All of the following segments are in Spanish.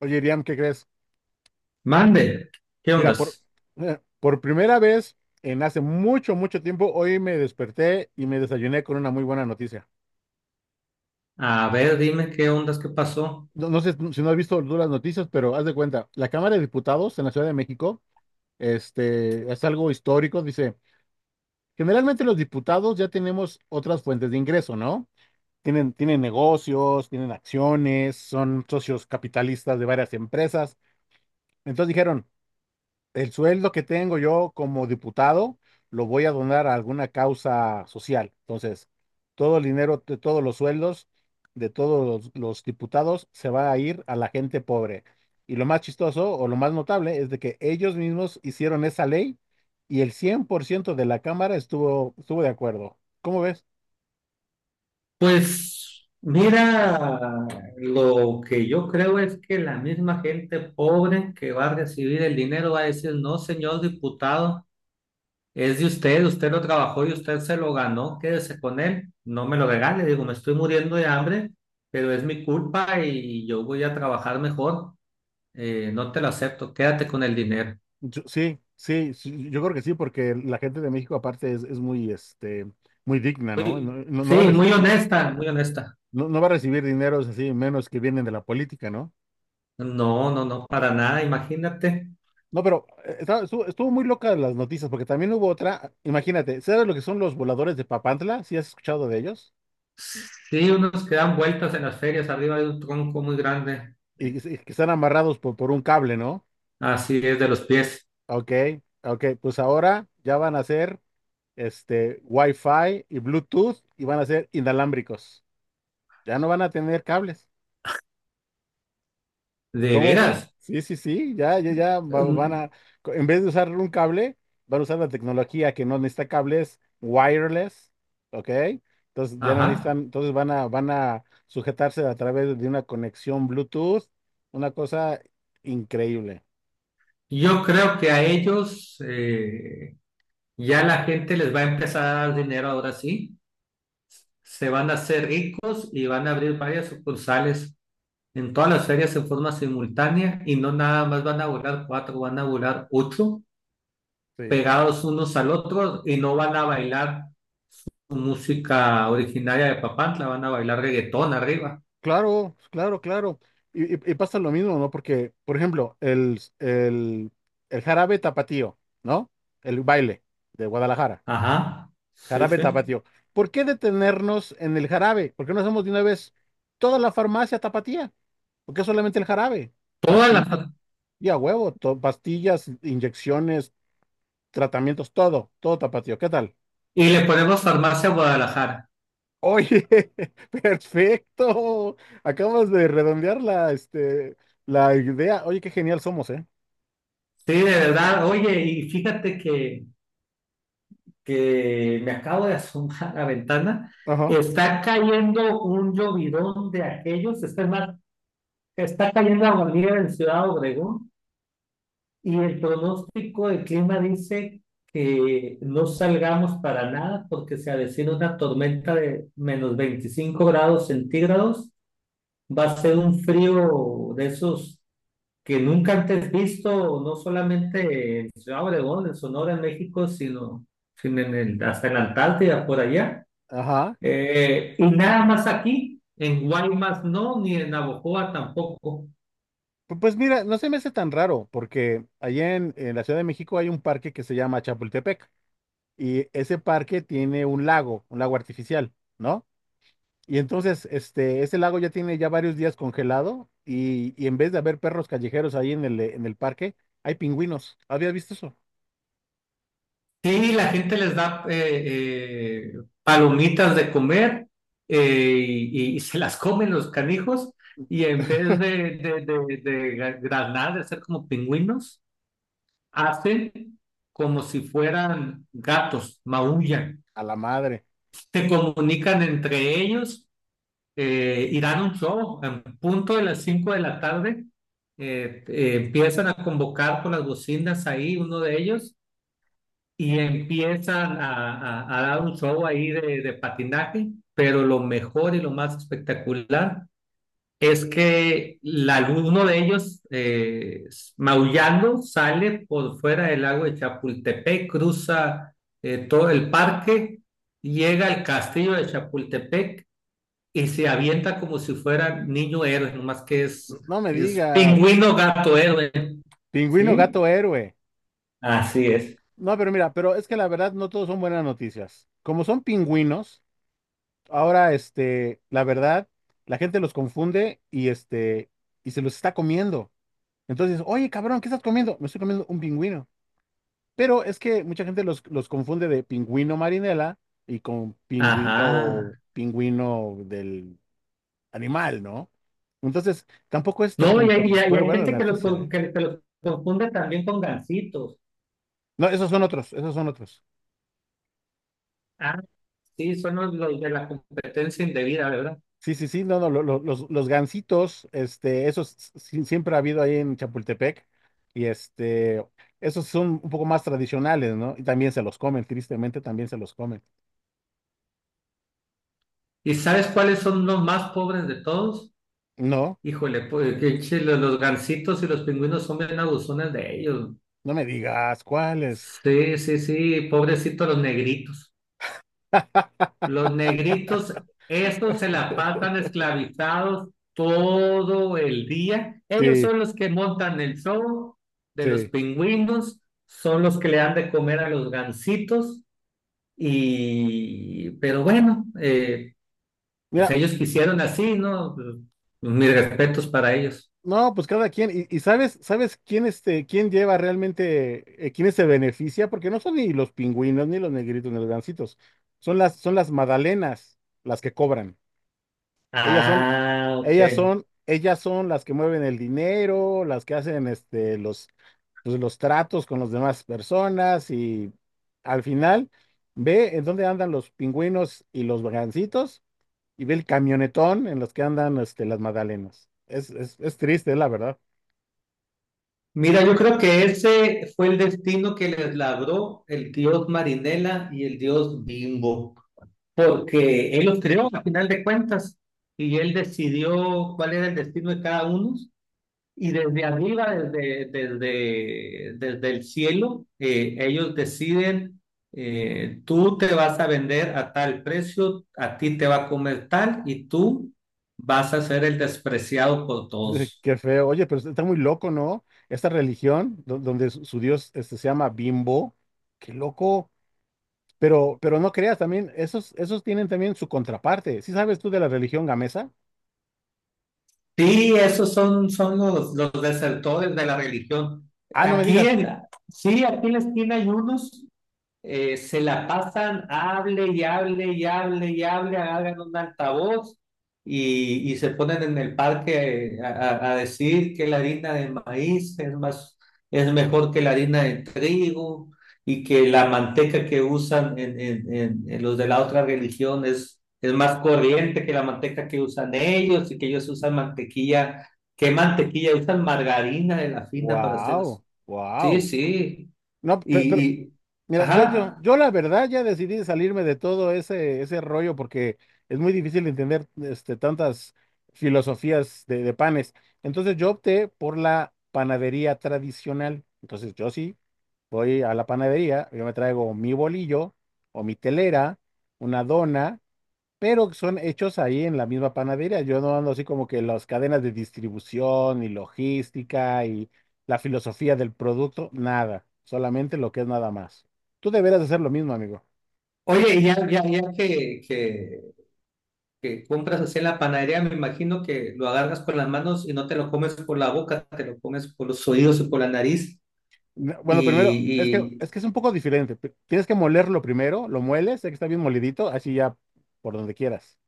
Oye, Iriam, ¿qué crees? Mande, ¿qué Mira, ondas? Por primera vez en hace mucho, mucho tiempo, hoy me desperté y me desayuné con una muy buena noticia. A ver, dime qué ondas, qué pasó. No sé si no has visto tú las noticias, pero haz de cuenta, la Cámara de Diputados en la Ciudad de México, es algo histórico, dice, generalmente los diputados ya tenemos otras fuentes de ingreso, ¿no? Tienen negocios, tienen acciones, son socios capitalistas de varias empresas. Entonces dijeron, el sueldo que tengo yo como diputado lo voy a donar a alguna causa social. Entonces, todo el dinero de todos los sueldos de todos los diputados se va a ir a la gente pobre. Y lo más chistoso o lo más notable es de que ellos mismos hicieron esa ley y el 100% de la Cámara estuvo de acuerdo. ¿Cómo ves? Pues mira, lo que yo creo es que la misma gente pobre que va a recibir el dinero va a decir, no, señor diputado, es de usted, usted lo trabajó y usted se lo ganó, quédese con él, no me lo regale, digo, me estoy muriendo de hambre, pero es mi culpa y yo voy a trabajar mejor. No te lo acepto, quédate con el dinero. Sí, sí, sí, yo creo que sí, porque la gente de México aparte es muy, muy digna, ¿no? Sí, muy honesta, muy honesta. No, no va a recibir dineros así, menos que vienen de la política, ¿no? No, no, no, para nada, imagínate. No, pero estuvo muy loca las noticias, porque también hubo otra. Imagínate, ¿sabes lo que son los voladores de Papantla? ¿Sí has escuchado de ellos? Sí, unos que dan vueltas en las ferias arriba de un tronco muy grande, Y, que están amarrados por un cable, ¿no? así es de los pies, Ok, ok, pues ahora ya van a ser Wi-Fi y Bluetooth y van a ser inalámbricos. Ya no van a tener cables. de ¿Cómo ve? veras. Sí, sí, sí, ya, ya, van Mm, a, en vez de usar un cable, van a usar la tecnología que no necesita cables wireless, ¿ok? Entonces ya no ajá. necesitan, entonces van a sujetarse a través de una conexión Bluetooth, una cosa increíble. Yo creo que a ellos ya la gente les va a empezar a dar dinero ahora sí. Se van a hacer ricos y van a abrir varias sucursales en todas las ferias en forma simultánea y no nada más van a volar cuatro, van a volar ocho, Sí, pegados unos al otro y no van a bailar música originaria de Papantla, van a bailar reggaetón arriba. claro, claro, claro. Y pasa lo mismo, ¿no? Porque, por ejemplo, el jarabe tapatío, ¿no? El baile de Guadalajara. Ajá, sí, Jarabe sí. tapatío. ¿Por qué detenernos en el jarabe? ¿Por qué no hacemos de una vez toda la farmacia tapatía? ¿Por qué solamente el jarabe? Todas las... Pastillas, y a huevo, pastillas, inyecciones, tratamientos, todo, todo tapatío. ¿Qué tal? Y le ponemos Farmacia Guadalajara. Oye, perfecto. Acabas de redondear la, la idea. Oye, qué genial somos, ¿eh? Sí, de verdad. Oye, y fíjate que me acabo de asomar a la ventana. Ajá. Está cayendo un llovidón de aquellos. Más, está cayendo aguanieve en Ciudad Obregón. Y el pronóstico del clima dice que no salgamos para nada porque se avecina una tormenta de menos 25 grados centígrados. Va a ser un frío de esos que nunca antes visto, no solamente en Ciudad Obregón, en Sonora, en México, sino hasta en la Antártida, por allá. Ajá. Y nada más aquí, en Guaymas no, ni en Navojoa tampoco. Pues mira, no se me hace tan raro, porque allá en la Ciudad de México hay un parque que se llama Chapultepec. Y ese parque tiene un lago artificial, ¿no? Y entonces, ese lago ya tiene ya varios días congelado y en vez de haber perros callejeros ahí en el parque, hay pingüinos. ¿Habías visto eso? Sí, la gente les da palomitas de comer eh, y se las comen los canijos y en vez de granar, de ser como pingüinos, hacen como si fueran gatos, maullan, A la madre. se comunican entre ellos y dan un show. En punto de las 5 de la tarde empiezan a convocar por las bocinas ahí, uno de ellos y empiezan a dar un show ahí de patinaje, pero lo mejor y lo más espectacular es que uno de ellos, maullando, sale por fuera del lago de Chapultepec, cruza todo el parque, llega al castillo de Chapultepec y se avienta como si fuera niño héroe, nomás que es, No me es digas. pingüino gato héroe, Pingüino ¿sí? gato héroe. Así es. No, pero mira, pero es que la verdad no todos son buenas noticias. Como son pingüinos, ahora, la verdad, la gente los confunde y y se los está comiendo. Entonces, oye, cabrón, ¿qué estás comiendo? Me estoy comiendo un pingüino. Pero es que mucha gente los confunde de pingüino marinela y con pingüino, Ajá. pingüino del animal, ¿no? Entonces, tampoco es tan No, y como que hay, y hay- y bueno, hay bueno, la gente que los, noticia, con- ¿eh? que, que los confunde también con gansitos. No, esos son otros, esos son otros. Ah, sí, son los de la competencia indebida, ¿verdad? Sí, sí, sí, no, no, los gansitos, esos siempre ha habido ahí en Chapultepec, y esos son un poco más tradicionales, ¿no? Y también se los comen, tristemente también se los comen. ¿Y sabes cuáles son los más pobres de todos? No, Híjole, pues que che, los gansitos y los pingüinos son bien abusones de ellos. no me digas cuáles. Sí, sí, sí, pobrecitos los negritos. Los negritos, esos se la pasan esclavizados todo el día. Ellos Sí, son los que montan el show de los sí. pingüinos, son los que le dan de comer a los gansitos. Pero bueno, pues Mira, ellos quisieron así, ¿no? Mis respetos para ellos. no, pues cada quien, y sabes, ¿sabes quién quién lleva realmente, quiénes se beneficia? Porque no son ni los pingüinos, ni los negritos, ni los gancitos. Son las magdalenas las que cobran. Ellas son, Ah, ellas ok. son, ellas son las que mueven el dinero, las que hacen pues, los tratos con las demás personas, y al final, ve en dónde andan los pingüinos y los gancitos y ve el camionetón en los que andan las magdalenas. Es triste, la verdad. Mira, yo creo que ese fue el destino que les labró el dios Marinela y el dios Bimbo, porque él los creó a final de cuentas y él decidió cuál era el destino de cada uno y desde arriba, desde el cielo, ellos deciden, tú te vas a vender a tal precio, a ti te va a comer tal y tú vas a ser el despreciado por todos. Qué feo. Oye, pero está muy loco, ¿no? Esta religión, donde su dios se llama Bimbo, qué loco. Pero no creas, también, esos, esos tienen también su contraparte. ¿Sí sabes tú de la religión gamesa? Sí, esos son los desertores de la religión. Ah, no me Aquí digas. en, sí, aquí en la esquina hay unos. Se la pasan, hable y hable y hable y hable, hagan un altavoz y se ponen en el parque decir que la harina de maíz es mejor que la harina de trigo y que la manteca que usan en los de la otra religión es más corriente que la manteca que usan ellos y que ellos usan mantequilla. ¿Qué mantequilla? Usan margarina de la fina para hacer eso. Wow, Sí, wow. sí. No, Y, pero, y, mira, yo, yo, ajá. yo la verdad ya decidí salirme de todo ese, ese rollo porque es muy difícil entender tantas filosofías de panes. Entonces yo opté por la panadería tradicional. Entonces yo sí voy a la panadería, yo me traigo mi bolillo o mi telera, una dona pero son hechos ahí en la misma panadería. Yo no ando así como que las cadenas de distribución y logística y la filosofía del producto, nada, solamente lo que es nada más. Tú deberías hacer lo mismo, amigo. Oye, y ya que compras así en la panadería, me imagino que lo agarras con las manos y no te lo comes por la boca, te lo comes por los oídos y por la nariz. Bueno, primero, Y, es y- que es un poco diferente. Tienes que molerlo primero, lo mueles, sé que está bien molidito, así ya por donde quieras.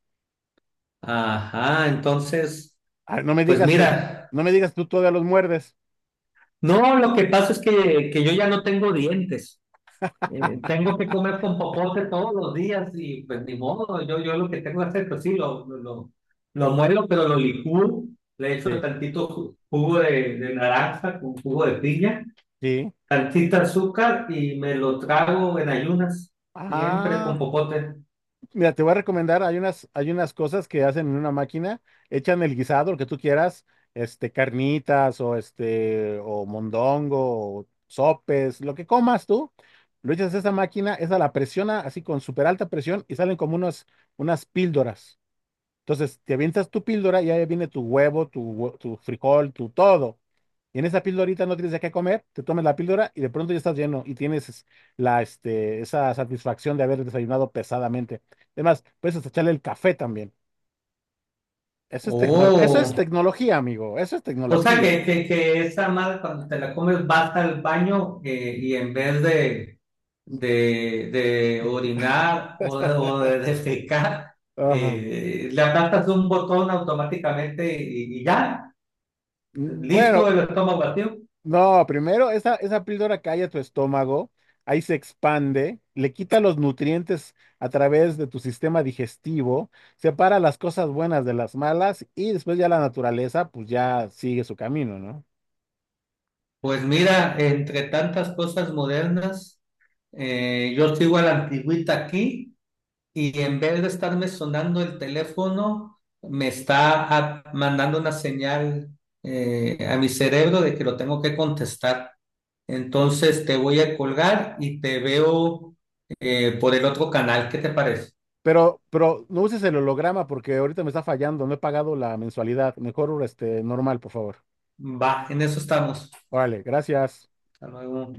ajá, entonces, Ah, no me pues digas que, mira, no me digas tú todavía los muerdes. no, lo que pasa es que yo ya no tengo dientes. Tengo que comer con popote todos los días y pues ni modo, yo lo que tengo que hacer, pues sí, lo muelo, pero lo licúo, le echo Sí, tantito jugo de naranja con jugo de piña, sí. salsita, azúcar y me lo trago en ayunas, siempre con Ah. popote. Mira, te voy a recomendar, hay unas cosas que hacen en una máquina, echan el guisado, lo que tú quieras, carnitas o o mondongo, o sopes, lo que comas tú, lo echas a esa máquina, esa la presiona así con súper alta presión y salen como unos, unas píldoras. Entonces, te avientas tu píldora y ahí viene tu huevo, tu frijol, tu todo. Y en esa píldorita no tienes de qué comer, te tomas la píldora y de pronto ya estás lleno y tienes esa satisfacción de haber desayunado pesadamente. Además, puedes hasta echarle el café también. Eso es Oh, tecnología, amigo. Eso es o sea tecnología. que esa madre cuando te la comes vas al baño y en vez de orinar o de defecar, Ajá. Le aplastas un botón automáticamente y ya, Mm, listo bueno, el estómago vacío. no, primero, esa píldora calla tu estómago, ahí se expande, le quita los nutrientes a través de tu sistema digestivo, separa las cosas buenas de las malas y después ya la naturaleza pues ya sigue su camino, ¿no? Pues mira, entre tantas cosas modernas, yo sigo a la antigüita aquí y en vez de estarme sonando el teléfono, me está mandando una señal a mi cerebro de que lo tengo que contestar. Entonces te voy a colgar y te veo por el otro canal. ¿Qué te parece? Pero no uses el holograma porque ahorita me está fallando, no he pagado la mensualidad. Mejor normal, por favor. Va, en eso estamos. Órale, gracias. Hasta luego.